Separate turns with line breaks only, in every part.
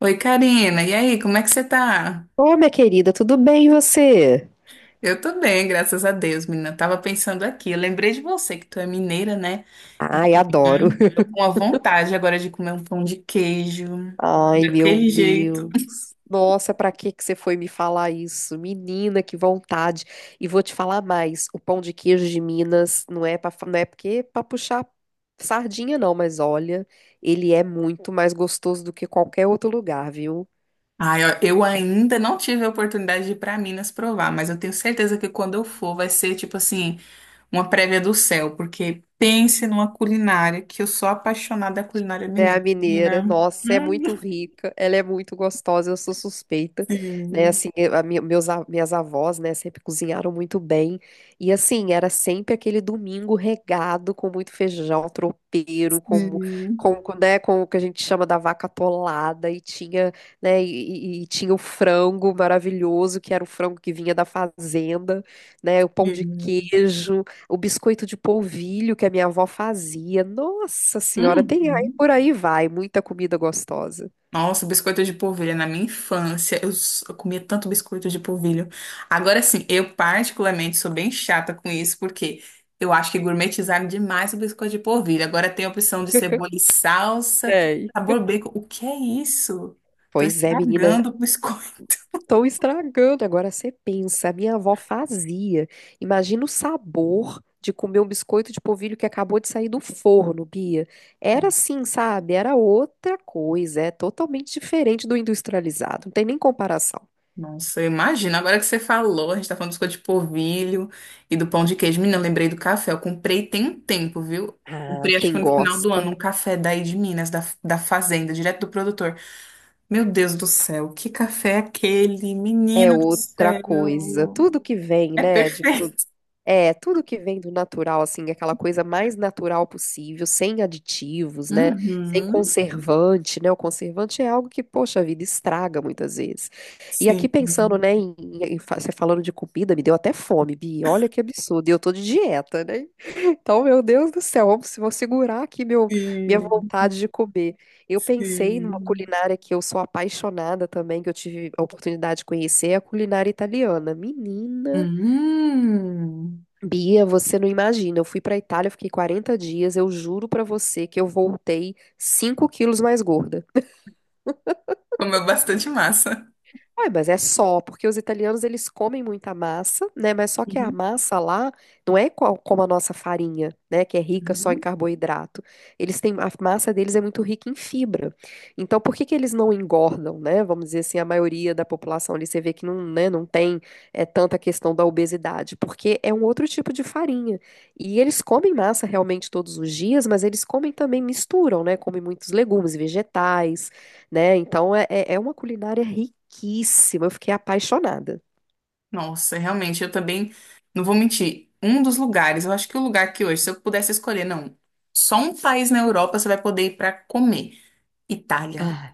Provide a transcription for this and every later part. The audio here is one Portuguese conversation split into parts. Oi, Karina. E aí, como é que você tá?
Ô, minha querida, tudo bem e você?
Eu tô bem, graças a Deus, menina. Eu tava pensando aqui, eu lembrei de você que tu é mineira, né?
Ai, adoro.
Uhum. Tô com a vontade agora de comer um pão de queijo,
Ai, meu
daquele jeito.
Deus. Nossa, pra que você foi me falar isso? Menina, que vontade. E vou te falar mais, o pão de queijo de Minas não é porque para puxar sardinha não, mas olha, ele é muito mais gostoso do que qualquer outro lugar, viu?
Ai, ó, eu ainda não tive a oportunidade de ir pra Minas provar, mas eu tenho certeza que quando eu for vai ser tipo assim, uma prévia do céu, porque pense numa culinária que eu sou apaixonada da culinária
É a
mineira,
mineira,
menina.
nossa, é
Hum,
muito rica, ela é muito gostosa, eu sou suspeita, né?
Sim,
Assim, eu- a minha- meus, a- minhas avós, né, sempre cozinharam muito bem. E assim, era sempre aquele domingo regado com muito feijão tropeiro, com,
sim,
com, com, né, com o que a gente chama da vaca atolada, e tinha, né, e tinha o frango maravilhoso, que era o frango que vinha da fazenda, né, o pão de
sim.
queijo. O biscoito de polvilho que a minha avó fazia. Nossa senhora, tem aí
Uhum.
por aí vai, muita comida gostosa.
Nossa, biscoito de polvilho na minha infância. Eu comia tanto biscoito de polvilho. Agora sim, eu particularmente sou bem chata com isso, porque eu acho que gourmetizaram demais o biscoito de polvilho. Agora tem a opção de cebola e salsa,
Sei.
sabor bacon. O que é isso? Tô
Pois é, menina,
estragando o biscoito.
estão estragando. Agora você pensa, a minha avó fazia. Imagina o sabor de comer um biscoito de polvilho que acabou de sair do forno, Bia. Era assim, sabe? Era outra coisa, é totalmente diferente do industrializado. Não tem nem comparação.
Nossa, eu imagino. Agora que você falou, a gente tá falando do biscoito de polvilho e do pão de queijo. Menina, eu lembrei do café. Eu comprei tem um tempo, viu?
Ah,
Comprei, acho que
quem
foi no final do
gosta
ano, um café daí de Minas, da fazenda, direto do produtor. Meu Deus do céu, que café é aquele?
é
Menina do
outra coisa.
céu.
Tudo que vem,
É
né,
perfeito.
É, tudo que vem do natural, assim, aquela coisa mais natural possível, sem aditivos, né? Sem
Uhum.
conservante, né? O conservante é algo que, poxa vida, estraga muitas vezes. E
Sim,
aqui pensando, né, você falando de comida, me deu até fome, Bi. Olha que absurdo. E eu tô de dieta, né? Então, meu Deus do céu, vou segurar aqui minha
sim,
vontade de comer. Eu pensei numa
sim.
culinária que eu sou apaixonada também, que eu tive a oportunidade de conhecer, é a culinária italiana. Menina.
Hum.
Bia, você não imagina. Eu fui para Itália, eu fiquei 40 dias. Eu juro para você que eu voltei 5 quilos mais gorda.
Comeu bastante massa.
Ai, mas é só, porque os italianos eles comem muita massa, né? Mas só que a
Uhum,
massa lá não é como a nossa farinha, né? Que é rica só em
uhum.
carboidrato. Eles têm, a massa deles é muito rica em fibra. Então, por que eles não engordam, né? Vamos dizer assim, a maioria da população ali, você vê que não, né, não tem é, tanta questão da obesidade, porque é um outro tipo de farinha. E eles comem massa realmente todos os dias, mas eles comem também, misturam, né? Comem muitos legumes, vegetais né? Então é uma culinária riquíssima. Eu fiquei apaixonada.
Nossa, realmente, eu também não vou mentir. Um dos lugares, eu acho que o lugar que hoje, se eu pudesse escolher, não, só um país na Europa você vai poder ir para comer. Itália.
Ah,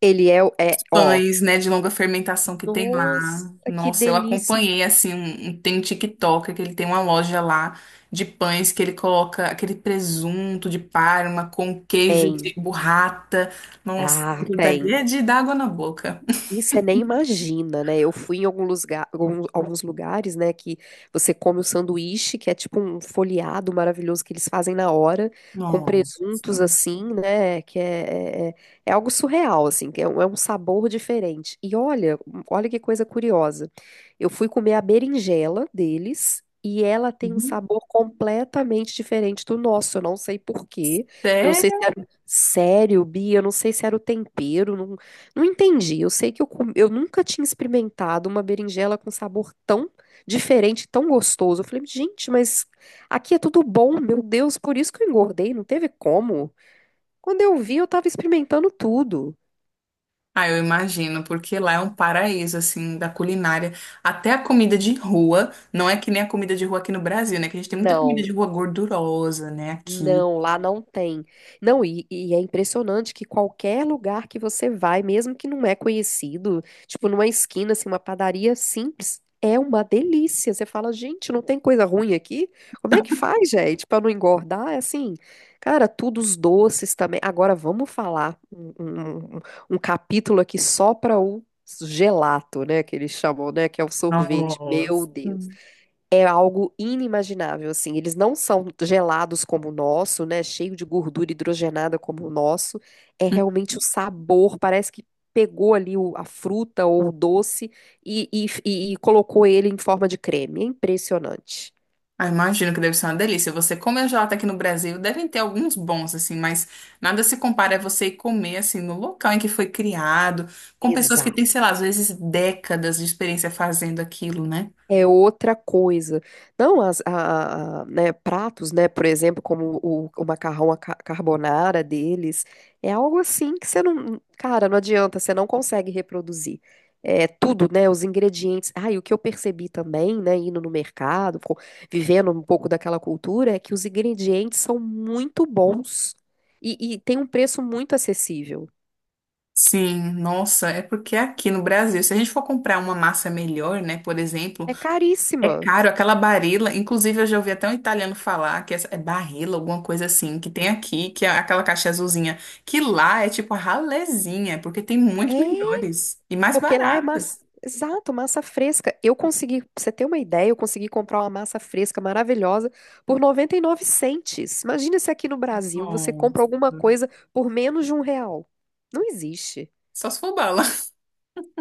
Ele é, o- é, ó,
Pães, né, de longa fermentação que tem
nossa,
lá.
que
Nossa, eu
delícia.
acompanhei assim, tem um TikToker que ele tem uma loja lá de pães que ele coloca aquele presunto de Parma com queijo
Tem.
de burrata. Nossa,
Ah,
aquilo
tem.
dali é de dar água na boca.
E você nem imagina, né? Eu fui em alguns lugares, né, que você come o sanduíche, que é tipo um folheado maravilhoso que eles fazem na hora, com
Nossa.
presuntos assim, né? Que é, é, é é algo surreal, assim, é um sabor diferente. E olha, olha que coisa curiosa. Eu fui comer a berinjela deles. E ela tem um
Uhum.
sabor completamente diferente do nosso. Eu não sei por quê. Eu não sei se
Sério?
era. Sério, Bia, eu não sei se era o tempero. Não, não entendi. Eu sei que eu nunca tinha experimentado uma berinjela com sabor tão diferente, tão gostoso. Eu falei, gente, mas aqui é tudo bom, meu Deus, por isso que eu engordei, não teve como. Quando eu vi, eu tava experimentando tudo.
Ah, eu imagino, porque lá é um paraíso, assim, da culinária. Até a comida de rua, não é que nem a comida de rua aqui no Brasil, né? Que a gente tem muita comida
Não.
de rua gordurosa, né? Aqui.
Não, lá não tem. Não, e é impressionante que qualquer lugar que você vai, mesmo que não é conhecido, tipo numa esquina, assim, uma padaria simples, é uma delícia. Você fala, gente, não tem coisa ruim aqui? Como é que faz, gente, para não engordar? É assim, cara, tudo os doces também. Agora vamos falar um capítulo aqui só para o gelato, né, que eles chamam, né, que é o sorvete.
Nossa.
Meu Deus. É algo inimaginável, assim. Eles não são gelados como o nosso, né? Cheio de gordura hidrogenada como o nosso. É realmente o sabor, parece que pegou ali a fruta ou o doce e colocou ele em forma de creme. É impressionante.
Ah, imagino que deve ser uma delícia. Você comer gelato aqui no Brasil, devem ter alguns bons, assim, mas nada se compara a você ir comer, assim, no local em que foi criado, com pessoas que têm, sei lá, às vezes décadas de experiência fazendo aquilo, né?
É outra coisa. Não, as, a, né, pratos, né, por exemplo, como o macarrão a carbonara deles, é algo assim que você não, cara, não adianta, você não consegue reproduzir. É tudo, né, os ingredientes. Ah, e o que eu percebi também, né, indo no mercado, vivendo um pouco daquela cultura, é que os ingredientes são muito bons e tem um preço muito acessível.
Sim, nossa, é porque aqui no Brasil, se a gente for comprar uma massa melhor, né, por exemplo,
É
é
caríssima.
caro, aquela Barilla. Inclusive, eu já ouvi até um italiano falar que essa, é Barilla, alguma coisa assim, que tem aqui, que é aquela caixa azulzinha, que lá é tipo a ralezinha, porque tem muito
É.
melhores e mais
Porque lá é
baratas.
massa. Exato, massa fresca. Eu consegui, pra você ter uma ideia, eu consegui comprar uma massa fresca maravilhosa por 99 centes. Imagina se aqui no Brasil você compra
Nossa.
alguma coisa por menos de um real. Não existe.
Só se for bala.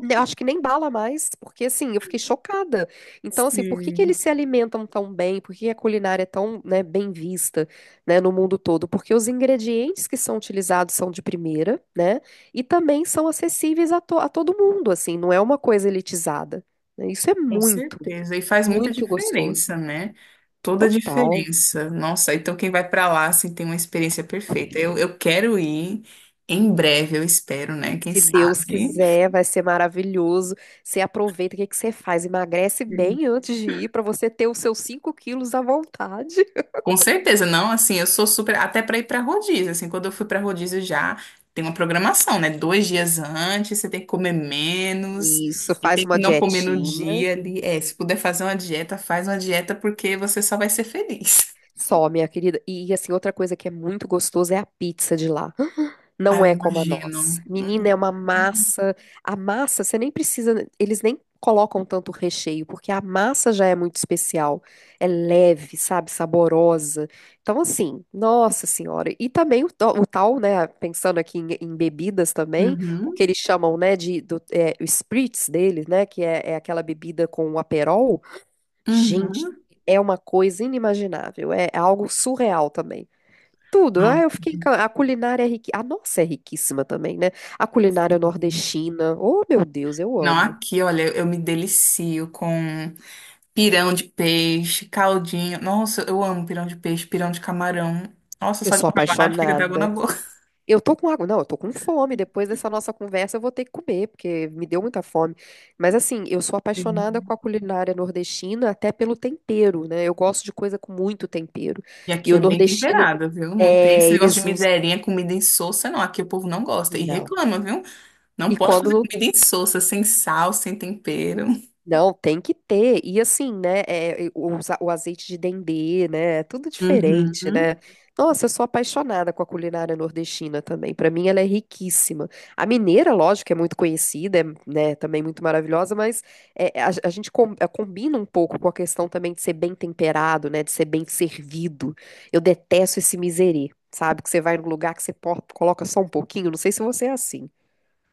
Ne- Acho que nem bala mais, porque assim, eu fiquei chocada. Então, assim, por que eles
Sim,
se alimentam tão bem? Por que a culinária é tão, né, bem vista, né, no mundo todo? Porque os ingredientes que são utilizados são de primeira, né? E também são acessíveis a, a todo mundo, assim, não é uma coisa elitizada, né? Isso é
com
muito,
certeza. E faz muita
muito gostoso.
diferença, né? Toda a
Total.
diferença. Nossa, então quem vai pra lá, assim, tem uma experiência perfeita. Eu quero ir em breve, eu espero, né? Quem
Se Deus
sabe?
quiser, vai ser maravilhoso. Você aproveita, o que você faz? Emagrece bem antes de ir, para você ter os seus 5 quilos à vontade.
Com certeza, não, assim, eu sou super, até para ir para rodízio, assim, quando eu fui para rodízio já tem uma programação, né? Dois dias antes, você tem que comer menos
Isso,
e
faz
tem
uma
que não comer no
dietinha.
dia ali. É, se puder fazer uma dieta, faz uma dieta porque você só vai ser feliz.
Só, minha querida. E assim, outra coisa que é muito gostosa é a pizza de lá.
Ah,
Não
eu
é como a nossa.
imagino.
Menina, é uma massa. A massa, você nem precisa. Eles nem colocam tanto recheio, porque a massa já é muito especial. É leve, sabe? Saborosa. Então, assim, nossa senhora. E também o tal, né? Pensando aqui em, em bebidas também, o que
Uhum,
eles chamam, né? É, o spritz deles, né? Que é, é aquela bebida com o aperol. Gente,
uhum.
é uma coisa inimaginável, é algo surreal também. Tudo, ah, eu
Nossa,
fiquei, a culinária é riquíssima, a nossa é riquíssima também, né? A culinária
sim.
nordestina, oh meu Deus, eu
Não,
amo.
aqui, olha, eu me delicio com pirão de peixe, caldinho. Nossa, eu amo pirão de peixe, pirão de camarão. Nossa,
Eu
só de
sou
falar, fica da água na
apaixonada.
boca.
Eu tô com água, não, eu tô com fome. Depois dessa nossa conversa, eu vou ter que comer, porque me deu muita fome. Mas assim, eu sou apaixonada
Sim.
com a culinária nordestina, até pelo tempero, né? Eu gosto de coisa com muito tempero.
E
E
aqui
o
é bem
nordestino,
temperado, viu? Não tem esse
é,
negócio
eles
de
usam.
miserinha, comida insossa, não. Aqui o povo não gosta e
Não.
reclama, viu? Não
E
pode
quando
fazer
não
comida insossa, sem sal, sem tempero.
Não, tem que ter. E assim, né? é, o azeite de dendê, né? É tudo diferente, né?
Uhum.
Nossa, eu sou apaixonada com a culinária nordestina também. Para mim, ela é riquíssima. A mineira, lógico, é muito conhecida, é, né? Também muito maravilhosa, mas a gente é, combina um pouco com a questão também de ser bem temperado, né? De ser bem servido. Eu detesto esse miserê, sabe? Que você vai num lugar que você coloca só um pouquinho. Não sei se você é assim.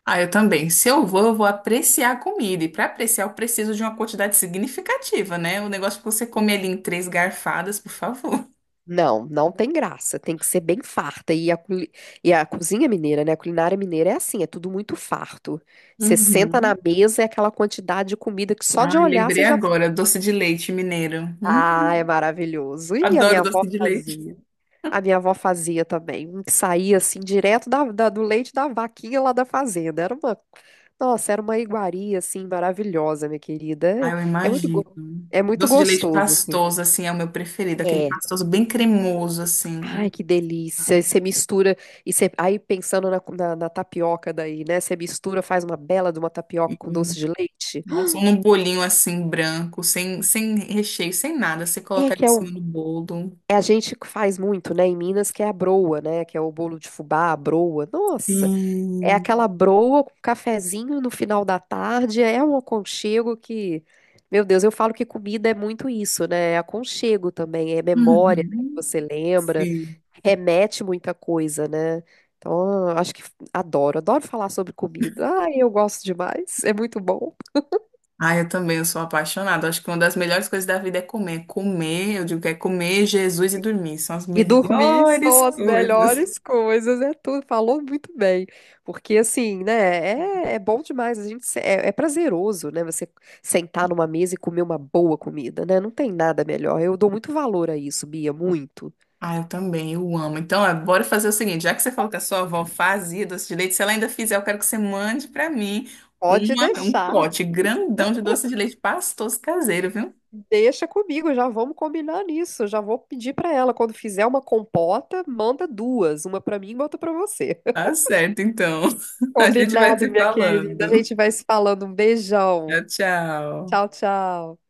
Ah, eu também. Se eu vou, eu vou apreciar a comida. E para apreciar, eu preciso de uma quantidade significativa, né? O negócio que você come ali em três garfadas, por favor.
Não, não tem graça. Tem que ser bem farta. E e a cozinha mineira, né? A culinária mineira é assim, é tudo muito farto. Você senta na
Uhum.
mesa, é aquela quantidade de comida que só de
Ai,
olhar você
lembrei
já fica.
agora, doce de leite mineiro. Hum?
Ah, é maravilhoso. E a minha
Adoro
avó
doce de leite.
fazia. A minha avó fazia também. Um que saía assim, direto do leite da vaquinha lá da fazenda. Era uma. Nossa, era uma iguaria assim, maravilhosa, minha querida.
Ah,
É,
eu
é muito,
imagino.
go- é muito
Doce de leite
gostoso, assim.
pastoso, assim, é o meu preferido. Aquele pastoso bem cremoso,
Ai,
assim.
que delícia. E você mistura, e você, aí pensando na tapioca daí, né? Você mistura, faz uma bela de uma tapioca
E,
com doce de leite.
nossa, ou num bolinho, assim, branco, sem recheio, sem nada. Você
É
coloca ali
que
em
é, o,
cima do bolo.
é a gente que faz muito, né? Em Minas, que é a broa, né? Que é o bolo de fubá, a broa. Nossa, é
Sim.
aquela broa com cafezinho no final da tarde. É um aconchego que, meu Deus, eu falo que comida é muito isso, né? É aconchego também, é memória, né, que
Uhum.
você lembra.
Sim.
Remete muita coisa, né? Então, eu acho que adoro, adoro falar sobre comida. Ai, eu gosto demais, é muito bom.
Ah, eu também, eu sou apaixonada. Acho que uma das melhores coisas da vida é comer. Comer, eu digo que é comer Jesus e dormir. São as
E dormir
melhores
são as
coisas.
melhores coisas, é tudo. Falou muito bem. Porque, assim, né, é bom demais. A gente, é prazeroso, né? Você sentar numa mesa e comer uma boa comida, né? Não tem nada melhor. Eu dou muito valor a isso, Bia, muito.
Ah, eu também, eu amo. Então, ó, bora fazer o seguinte, já que você falou que a sua avó fazia doce de leite, se ela ainda fizer, eu quero que você mande pra mim
Pode
uma, um
deixar.
pote grandão de doce de leite pastoso caseiro, viu?
Deixa comigo, já vamos combinar nisso. Já vou pedir pra ela quando fizer uma compota, manda duas, uma pra mim e outra pra você.
Tá certo, então. A gente vai
Combinado,
se
minha querida. A
falando.
gente vai se falando. Um beijão.
Tchau, tchau.
Tchau, tchau.